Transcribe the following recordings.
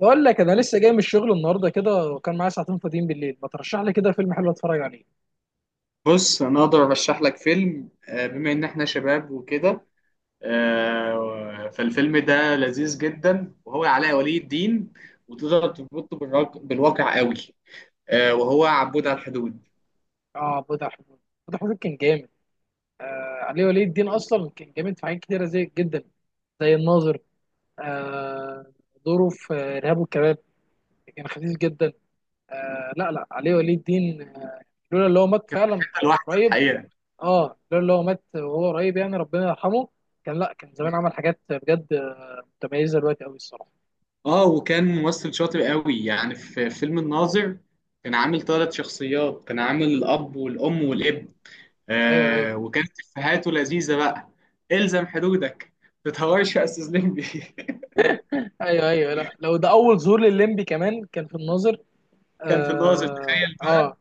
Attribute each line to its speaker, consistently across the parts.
Speaker 1: بقول لك انا لسه جاي من الشغل النهارده كده، وكان معايا ساعتين فاضيين بالليل. ما ترشح لي كده فيلم حلو اتفرج عليه.
Speaker 2: بص، انا اقدر ارشح لك فيلم، بما ان احنا شباب وكده. فالفيلم ده لذيذ جدا وهو علاء ولي الدين، وتقدر تربطه بالواقع قوي. وهو عبود على الحدود.
Speaker 1: اه، بضع حدود كان جامد. علي ولي الدين اصلا كان جامد في حاجات كتيره، زي جدا زي الناظر. آه دوره في ارهاب والكباب كان خفيف جدا. لا لا، علي ولي الدين لولا اللي هو مات فعلا
Speaker 2: لوحده
Speaker 1: قريب.
Speaker 2: الحقيقه.
Speaker 1: اه، لولا اللي هو مات وهو قريب، يعني ربنا يرحمه. كان لا كان زمان عمل حاجات بجد متميزه، دلوقتي قوي الصراحه.
Speaker 2: اه، وكان ممثل شاطر قوي يعني في فيلم الناظر. كان عامل ثلاث شخصيات، كان عامل الاب والام والابن.
Speaker 1: ايوه، ايوه.
Speaker 2: وكانت افهاته لذيذه بقى: الزم حدودك، ما تتهورش يا استاذ لمبي.
Speaker 1: ايوه، ايوه، لا، لو ده اول ظهور للليمبي كمان كان في الناظر.
Speaker 2: كان في الناظر،
Speaker 1: اه،
Speaker 2: تخيل.
Speaker 1: اه،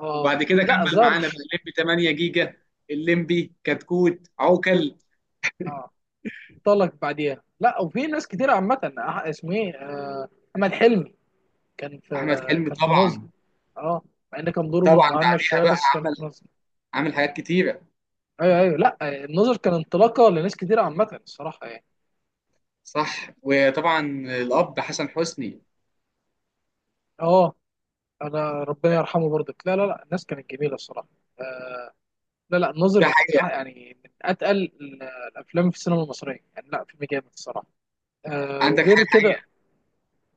Speaker 1: آه.
Speaker 2: وبعد كده
Speaker 1: لا
Speaker 2: كمل معانا بقى
Speaker 1: ظهرش.
Speaker 2: الليمبي 8 جيجا، الليمبي كتكوت عوكل.
Speaker 1: اه، انطلق بعديها. لا، وفي ناس كتير عامة، اسمه ايه، احمد حلمي. كان في
Speaker 2: احمد حلمي
Speaker 1: كان في الناظر.
Speaker 2: طبعا.
Speaker 1: اه، مع ان كان دوره
Speaker 2: طبعا
Speaker 1: مهمش
Speaker 2: بعديها
Speaker 1: شوية،
Speaker 2: بقى
Speaker 1: بس كان في الناظر.
Speaker 2: عمل حاجات كتيره.
Speaker 1: ايوه ايوه، لا الناظر كان انطلاقة لناس كتير عامة الصراحة يعني.
Speaker 2: صح وطبعا الاب حسن حسني.
Speaker 1: اه، انا ربنا يرحمه برضك. لا لا لا، الناس كانت جميلة الصراحة. لا لا، الناظر
Speaker 2: ده
Speaker 1: من
Speaker 2: حقيقه.
Speaker 1: يعني من اتقل الافلام في السينما المصرية يعني. لا، فيلم جامد الصراحة.
Speaker 2: عندك
Speaker 1: وغير
Speaker 2: حاجه
Speaker 1: كده.
Speaker 2: حقيقه.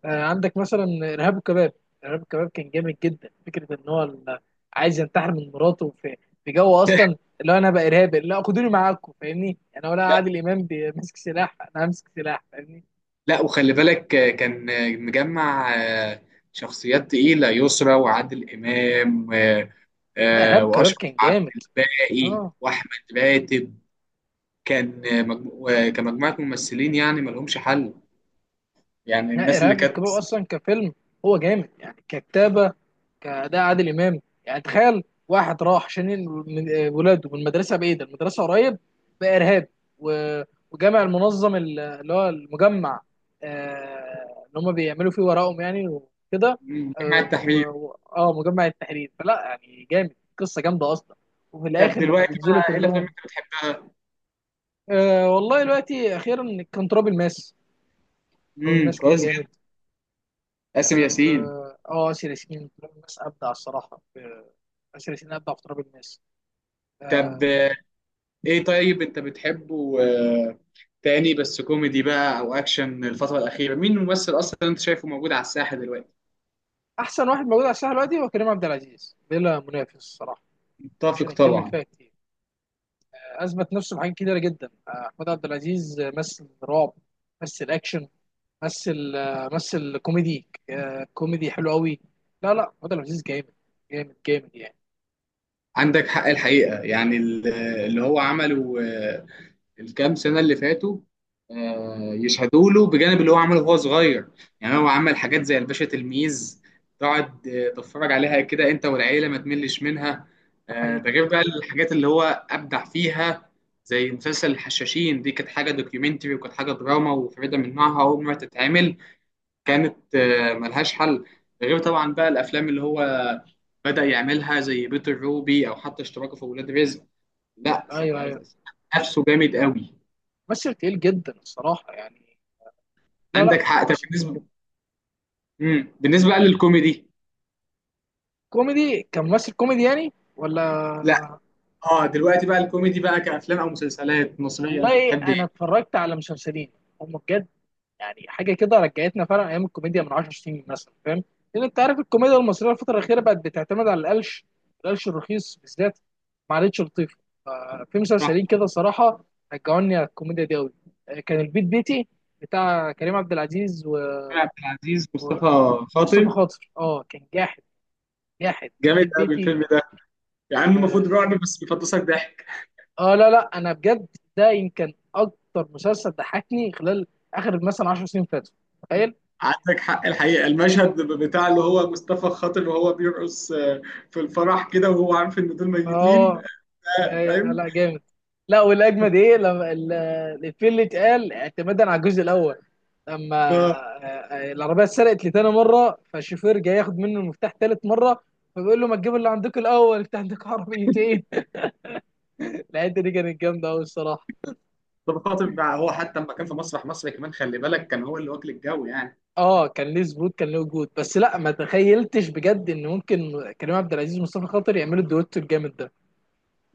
Speaker 1: عندك مثلا ارهاب الكباب. ارهاب الكباب كان جامد جدا، فكره ان هو عايز ينتحر من مراته. في جو اصلا اللي هو انا بقى ارهابي، لا خدوني معاكم فاهمني؟ انا ولا
Speaker 2: لا،
Speaker 1: عادل امام، ماسك سلاح، انا همسك سلاح فاهمني.
Speaker 2: لا، وخلي بالك، كان مجمع شخصيات تقيله: يسرا وعادل امام،
Speaker 1: لا، ارهاب الكباب
Speaker 2: واشرف
Speaker 1: كان
Speaker 2: عبد
Speaker 1: جامد.
Speaker 2: الباقي
Speaker 1: اه،
Speaker 2: واحمد راتب. كان كمجموعه ممثلين يعني ما لهمش حل. يعني
Speaker 1: لا
Speaker 2: الناس اللي
Speaker 1: ارهاب
Speaker 2: كانت،
Speaker 1: والكباب اصلا كفيلم هو جامد، يعني ككتابه، كاداء عادل امام. يعني تخيل، واحد راح عشان من ولاده من المدرسه، بعيده المدرسه، قريب بقى ارهابي. و- وجامع المنظم اللي هو المجمع، اللي هم بيعملوا فيه ورقهم يعني وكده.
Speaker 2: جماعة
Speaker 1: اه،
Speaker 2: التحرير.
Speaker 1: مجمع التحرير، فلا يعني جامد، قصه جامده اصلا. وفي
Speaker 2: طب
Speaker 1: الاخر لما
Speaker 2: دلوقتي بقى
Speaker 1: بينزلوا
Speaker 2: ايه الافلام اللي
Speaker 1: كلهم.
Speaker 2: انت بتحبها؟
Speaker 1: والله دلوقتي، اخيرا كان تراب الماس. تراب الماس كان
Speaker 2: كويس
Speaker 1: جامد.
Speaker 2: جدا. آسر ياسين.
Speaker 1: آسر ياسين تراب الناس ابدع الصراحه في، آسر ياسين ابدع في تراب الناس.
Speaker 2: طب
Speaker 1: آه،
Speaker 2: ايه، طيب انت بتحبه تاني بس كوميدي بقى او اكشن؟ الفترة الأخيرة مين الممثل اصلا انت شايفه موجود على الساحة دلوقتي؟
Speaker 1: احسن واحد موجود على الساحه دلوقتي هو كريم عبد العزيز، بلا منافس الصراحه. مش
Speaker 2: متفق
Speaker 1: هنتكلم
Speaker 2: طبعا.
Speaker 1: فيها كتير. اثبت نفسه في حاجات كتيره جدا، احمد عبد العزيز، مثل رعب، مثل اكشن، مثل كوميدي، كوميدي حلو قوي. لا لا، احمد عبد العزيز جامد، جامد جامد يعني.
Speaker 2: عندك حق الحقيقة، يعني اللي هو عمله الكام سنه اللي فاتوا يشهدوا له، بجانب اللي هو عمله وهو صغير. يعني هو عمل حاجات زي الباشا تلميذ، تقعد تتفرج عليها كده انت والعيله، ما تملش منها.
Speaker 1: ده حقيقي.
Speaker 2: ده غير بقى الحاجات اللي هو ابدع فيها، زي مسلسل الحشاشين. دي كانت حاجه دوكيومنتري وكانت حاجه دراما وفريده من نوعها، اول مره تتعمل. كانت ملهاش حل. ده غير طبعا بقى الافلام اللي هو بدأ يعملها، زي بيتر روبي او حتى اشتراكه في ولاد رزق. لا س-
Speaker 1: ايوه ايوه،
Speaker 2: نفسه جامد قوي.
Speaker 1: مثل تقيل جدا الصراحه يعني. لا
Speaker 2: عندك
Speaker 1: لا،
Speaker 2: حق. طب
Speaker 1: مثل تقيل جدا.
Speaker 2: بالنسبه بقى للكوميدي.
Speaker 1: كوميدي، كممثل كوميدي يعني، ولا.
Speaker 2: لا. اه، دلوقتي بقى الكوميدي بقى كافلام او مسلسلات مصريه انت
Speaker 1: والله
Speaker 2: بتحب ايه؟
Speaker 1: انا اتفرجت على مسلسلين، هم بجد يعني حاجه كده رجعتنا فعلا ايام الكوميديا من 10 سنين مثلا، فاهم؟ لان انت عارف الكوميديا المصريه الفتره الاخيره بقت بتعتمد على القلش، القلش الرخيص بالذات، ما عادتش لطيفه. ففي
Speaker 2: صح.
Speaker 1: مسلسلين كده صراحه رجعوني على الكوميديا دي قوي. كان البيت بيتي، بتاع كريم عبد العزيز
Speaker 2: محمود عبد العزيز، مصطفى
Speaker 1: ومصطفى
Speaker 2: خاطر.
Speaker 1: خاطر. اه، كان جاحد، جاحد.
Speaker 2: جامد
Speaker 1: بيت
Speaker 2: قوي الفيلم
Speaker 1: بيتي،
Speaker 2: ده، يعني المفروض
Speaker 1: آه،
Speaker 2: رعب بس بيفطسك ضحك.
Speaker 1: اه، لا لا انا بجد ده يمكن اكتر مسلسل ضحكني خلال اخر مثلا 10 سنين فاتوا، تخيل.
Speaker 2: عندك حق الحقيقه، المشهد بتاع اللي هو مصطفى خاطر وهو بيرقص في الفرح كده وهو عارف ان دول ميتين،
Speaker 1: اه لا
Speaker 2: فاهم؟
Speaker 1: لا، جامد. لا، والاجمد ايه، لما الفيل اللي اتقال اعتمادا على الجزء الاول، لما
Speaker 2: اه.
Speaker 1: العربيه اتسرقت لتاني مره، فالشوفير جاي ياخد منه المفتاح تالت مره، فبيقول له ما تجيب اللي عندك الاول، انت عندك عربيتين. الحته دي كانت جامده قوي الصراحه.
Speaker 2: مصطفى خاطر بقى هو حتى لما كان في مسرح مصر كمان، خلي بالك كان هو اللي واكل الجو يعني.
Speaker 1: اه، كان ليه ثبوت، كان ليه وجود، بس لا، ما تخيلتش بجد ان ممكن كريم عبد العزيز ومصطفى خاطر يعملوا الدويتو الجامد ده.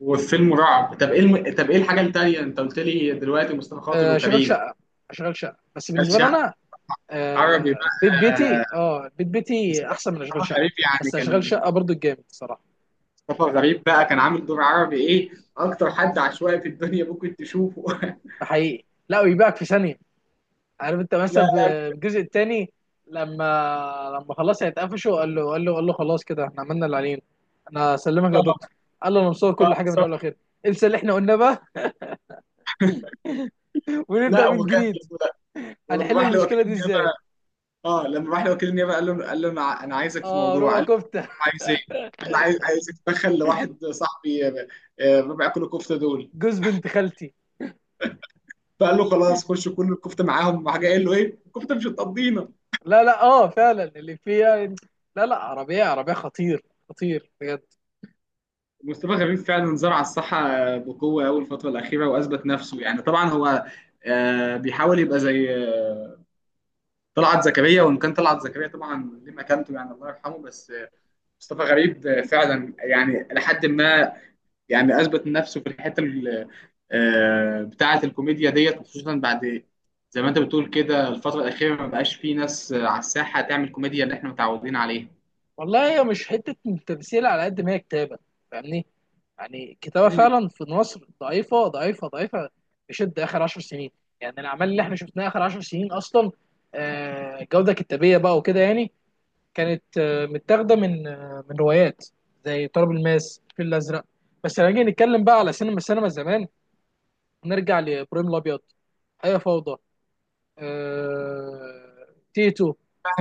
Speaker 2: والفيلم رعب. طب ايه طب ايه الحاجه التانيه انت قلت لي دلوقتي، مصطفى خاطر
Speaker 1: شغال
Speaker 2: وكريم؟
Speaker 1: شقه، شغال شقه بس،
Speaker 2: قال
Speaker 1: بالنسبه لي
Speaker 2: شق.
Speaker 1: انا
Speaker 2: عربي بقى.
Speaker 1: بيت بيتي. اه، بيت بيتي
Speaker 2: مصطفى
Speaker 1: احسن من اشغال شقه،
Speaker 2: غريب يعني،
Speaker 1: بس اشغال
Speaker 2: كان
Speaker 1: شقه برضو الجامد الصراحه.
Speaker 2: مصطفى غريب بقى كان عامل دور عربي ايه! اكتر حد عشوائي في الدنيا ممكن تشوفه.
Speaker 1: ده حقيقي. لا، ويبيعك في ثانيه. عارف انت
Speaker 2: لا.
Speaker 1: مثلا في الجزء الثاني، لما خلاص هيتقفشوا، قال له خلاص كده احنا عملنا اللي علينا، انا اسلمك
Speaker 2: اه،
Speaker 1: يا دكتور. قال له انا مصور
Speaker 2: اه،
Speaker 1: كل حاجه من اول
Speaker 2: بالظبط.
Speaker 1: لاخر، انسى اللي احنا قلناه بقى، ونبدا
Speaker 2: لا
Speaker 1: من
Speaker 2: وكان.
Speaker 1: جديد.
Speaker 2: ولما
Speaker 1: هنحل
Speaker 2: راح لوكيل
Speaker 1: المشكله دي
Speaker 2: النيابه
Speaker 1: ازاي؟
Speaker 2: اه لما راح لوكيل النيابه قال له، انا عايزك في
Speaker 1: اه،
Speaker 2: موضوع.
Speaker 1: ربع
Speaker 2: قال له
Speaker 1: كفته،
Speaker 2: عايز ايه؟ قال له عايز، اتدخل لواحد صاحبي، ربع كيلو كفته دول.
Speaker 1: جوز بنت خالتي.
Speaker 2: فقال له خلاص خش كل الكفته معاهم، راح جاي قال له ايه الكفته مش هتقضينا.
Speaker 1: لا لا، اه فعلا اللي فيها. لا لا، عربيه، عربيه خطير، خطير بجد.
Speaker 2: مصطفى غريب فعلا زرع الصحه بقوه قوي الفتره الاخيره واثبت نفسه. يعني طبعا هو بيحاول يبقى زي طلعت زكريا، وان كان طلعت زكريا طبعا ليه مكانته، يعني الله يرحمه. بس مصطفى غريب فعلا يعني لحد ما، يعني اثبت نفسه في الحته بتاعه الكوميديا ديت، وخصوصا بعد، زي ما انت بتقول كده، الفتره الاخيره ما بقاش فيه ناس على الساحه تعمل كوميديا اللي احنا متعودين عليها.
Speaker 1: والله هي مش حته تمثيل، على قد ما هي كتابه، فاهمني؟ يعني الكتابه فعلا في مصر ضعيفه، ضعيفه ضعيفه، بشده اخر 10 سنين. يعني الاعمال اللي احنا شفناها اخر 10 سنين اصلا، جوده كتابيه بقى وكده يعني، كانت متاخده من من روايات، زي تراب الماس، الفيل الازرق. بس لما نيجي نتكلم بقى على سينما، السينما زمان، نرجع لابراهيم الابيض، هي فوضى، آه... تيتو،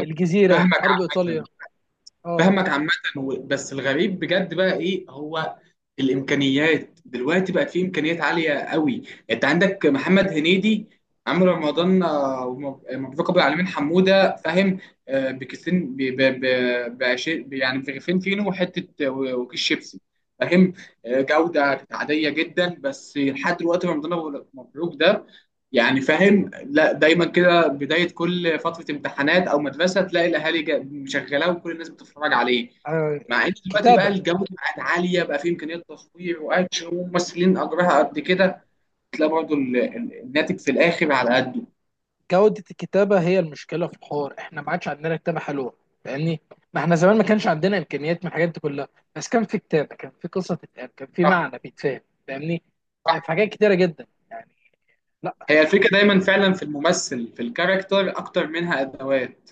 Speaker 1: الجزيره،
Speaker 2: فاهمك
Speaker 1: حرب
Speaker 2: عامة
Speaker 1: ايطاليا. اه
Speaker 2: فاهمك عامة. بس الغريب بجد بقى ايه، هو الامكانيات دلوقتي بقت في، امكانيات عالية قوي. انت عندك محمد هنيدي، عمرو رمضان، آه، ومب- مبروك ابو العالمين حمودة، فاهم؟ بكيسين، يعني برغيفين فينو وحتة وكيس شيبسي، فاهم؟ جودة كانت عادية جدا. بس لحد دلوقتي مبروك ده، يعني، فاهم؟ لا دايما كده، بداية كل فترة امتحانات أو مدرسة تلاقي الأهالي مشغلاه وكل الناس بتتفرج عليه.
Speaker 1: آه،
Speaker 2: مع إن دلوقتي بقى
Speaker 1: كتابه،
Speaker 2: الجودة بقت عالية، بقى فيه إمكانيات تصوير وأكشن وممثلين أجرها قد كده، تلاقي برضه الناتج في الآخر على قده.
Speaker 1: جوده الكتابه هي المشكله في الحوار. احنا ما عادش عندنا كتابه حلوه فاهمني. ما احنا زمان ما كانش عندنا امكانيات من الحاجات دي كلها، بس كان في كتابه، كان في قصه تتقال، كان في
Speaker 2: صح.
Speaker 1: معنى بيتفهم فاهمني.
Speaker 2: صح.
Speaker 1: في حاجات كتيره جدا يعني. لا.
Speaker 2: هي الفكرة دايما فعلا في الممثل، في الكاركتر، أكتر منها أدوات،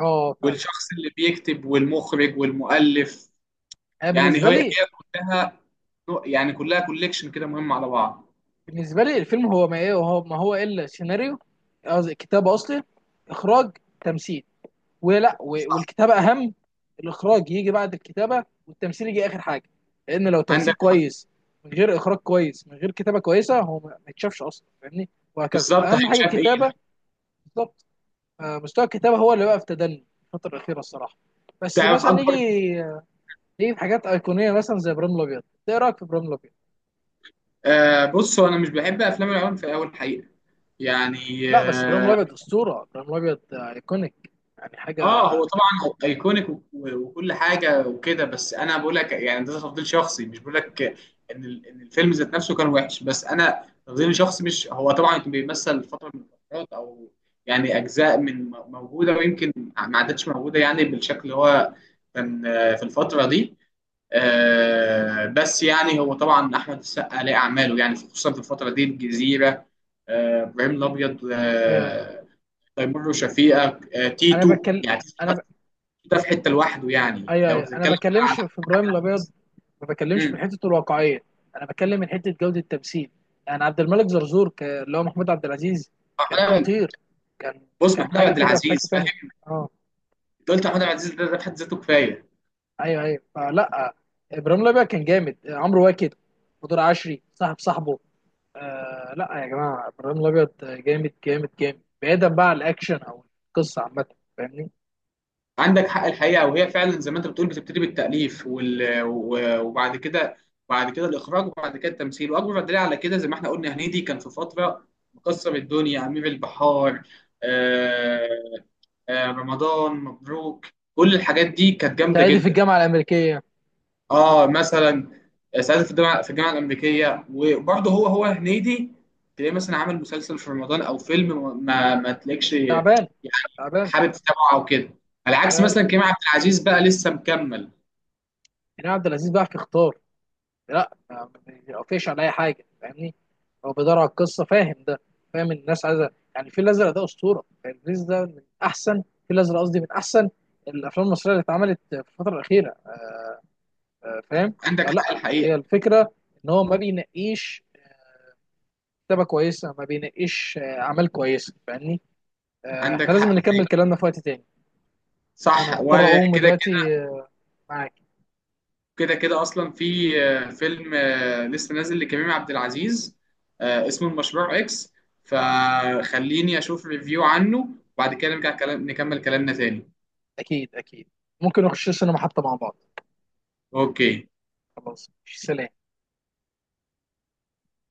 Speaker 1: فعلا.
Speaker 2: والشخص اللي بيكتب والمخرج والمؤلف.
Speaker 1: أنا
Speaker 2: يعني
Speaker 1: بالنسبه
Speaker 2: هي
Speaker 1: لي
Speaker 2: هي كلها، يعني كلها كوليكشن كده مهم على بعض.
Speaker 1: بالنسبه لي الفيلم هو ما ايه، وهو ما هو الا سيناريو، قصدي كتابه اصلي، اخراج، تمثيل. والكتابه اهم. الاخراج يجي بعد الكتابه، والتمثيل يجي اخر حاجه، لان لو
Speaker 2: عندك.
Speaker 1: تمثيل كويس من غير اخراج كويس، من غير كتابه كويسه، هو ما يتشافش اصلا فاهمني. وهكذا،
Speaker 2: بالظبط
Speaker 1: اهم حاجه
Speaker 2: هيتشاف إيه.
Speaker 1: الكتابه. بالظبط. مستوى الكتابه هو اللي بقى في تدني الفتره الاخيره الصراحه. بس
Speaker 2: تعرف
Speaker 1: مثلا
Speaker 2: اكبر...
Speaker 1: نيجي في حاجات ايقونيه، مثلا زي ابراهيم الابيض. إنت ايه رايك في ابراهيم الابيض؟
Speaker 2: بص، هو انا مش بحب افلام العنف في اول حقيقه، يعني
Speaker 1: لا بس،
Speaker 2: اه.
Speaker 1: ابراهيم الابيض اسطوره، ابراهيم الابيض ايكونيك، يعني حاجه.
Speaker 2: هو طبعا ايكونيك وكل حاجه وكده، بس انا بقول لك يعني ده تفضيل شخصي، مش بقول لك ان إن الفيلم ذات نفسه كان وحش، بس انا تفضيل شخصي. مش هو طبعا كان بيمثل فتره من الفترات او يعني اجزاء موجوده، ويمكن ما عادتش موجوده يعني بالشكل اللي هو كان في الفتره دي. بس يعني هو طبعا احمد السقا ليه اعماله، يعني خصوصا في الفتره دي: الجزيره، ابراهيم الابيض،
Speaker 1: ايوه،
Speaker 2: تيمور وشفيقه،
Speaker 1: انا
Speaker 2: تيتو.
Speaker 1: بتكلم،
Speaker 2: يعني تيتو
Speaker 1: انا
Speaker 2: ده،
Speaker 1: ب...
Speaker 2: ده في حته لوحده يعني،
Speaker 1: ايوه
Speaker 2: لو
Speaker 1: ايوه، انا
Speaker 2: بتتكلم بقى على...
Speaker 1: بكلمش في ابراهيم الابيض، ما بكلمش من
Speaker 2: مم.
Speaker 1: حته الواقعيه، انا بكلم من حته جوده التمثيل. يعني عبد الملك زرزور، اللي هو محمود عبد العزيز،
Speaker 2: محمود
Speaker 1: كان
Speaker 2: عبد-
Speaker 1: خطير، كان
Speaker 2: بص،
Speaker 1: كان
Speaker 2: محمود
Speaker 1: حاجه
Speaker 2: عبد
Speaker 1: كده في حته
Speaker 2: العزيز،
Speaker 1: تانيه.
Speaker 2: فاهم.
Speaker 1: اه.
Speaker 2: قلت محمود عبد العزيز ده، في حد ذاته كفايه.
Speaker 1: ايوه ايوه، فلا، ابراهيم الابيض كان جامد، عمرو واكد ودور عشري صاحب صاحبه. آه، لا يا جماعه، ابراهيم الابيض جامد، جامد جامد، بعيدا بقى عن الاكشن او القصه عامه، فاهمني؟
Speaker 2: عندك حق الحقيقة. وهي فعلا زي ما انت بتقول، بتبتدي بالتأليف وبعد كده، بعد كده الإخراج، وبعد كده التمثيل. وأكبر دليل على كده زي ما احنا قلنا، هنيدي كان في فترة مكسر الدنيا: أمير البحار، آه... رمضان مبروك. كل الحاجات دي كانت جامدة
Speaker 1: صعيدي في
Speaker 2: جدا.
Speaker 1: الجامعه الامريكيه.
Speaker 2: اه مثلا سعيد في الجامعه، الامريكيه، وبرضه هو هو هنيدي، تلاقيه مثلا عامل مسلسل في رمضان او فيلم ما ما تلاقيش يعني
Speaker 1: تعبان، تعبان.
Speaker 2: حابب تتابعه او كده. على عكس
Speaker 1: آه.
Speaker 2: مثلا كريم عبد العزيز بقى، لسه مكمل.
Speaker 1: كريم عبد العزيز بقى في اختار، لا ما بيقفش على اي حاجه فاهمني. هو بيدور على القصه، فاهم ده؟ فاهم إن الناس عايزه، يعني الفيل الازرق ده اسطوره، الفيل ده من احسن، الفيل الازرق قصدي، من احسن الافلام المصريه اللي اتعملت في الفتره الاخيره، فاهم؟
Speaker 2: عندك حق
Speaker 1: فلا،
Speaker 2: الحقيقه
Speaker 1: هي الفكره ان هو ما بينقيش كتابه كويسه، ما بينقيش اعمال كويسه، فاهمني؟ احنا
Speaker 2: عندك
Speaker 1: لازم
Speaker 2: حق
Speaker 1: نكمل
Speaker 2: الحقيقه.
Speaker 1: كلامنا في وقت تاني، ان انا
Speaker 2: صح.
Speaker 1: مضطر اقوم
Speaker 2: وكده كده
Speaker 1: دلوقتي، معاك.
Speaker 2: كده كده اصلا في فيلم لسه نازل لكريم عبد العزيز، اسمه المشروع اكس، فخليني اشوف ريفيو عنه. وبعد كده نرجع كلام نكمل كلامنا تاني.
Speaker 1: اكيد اكيد، ممكن نخش السينما حتى مع بعض.
Speaker 2: اوكي.
Speaker 1: خلاص، سلام.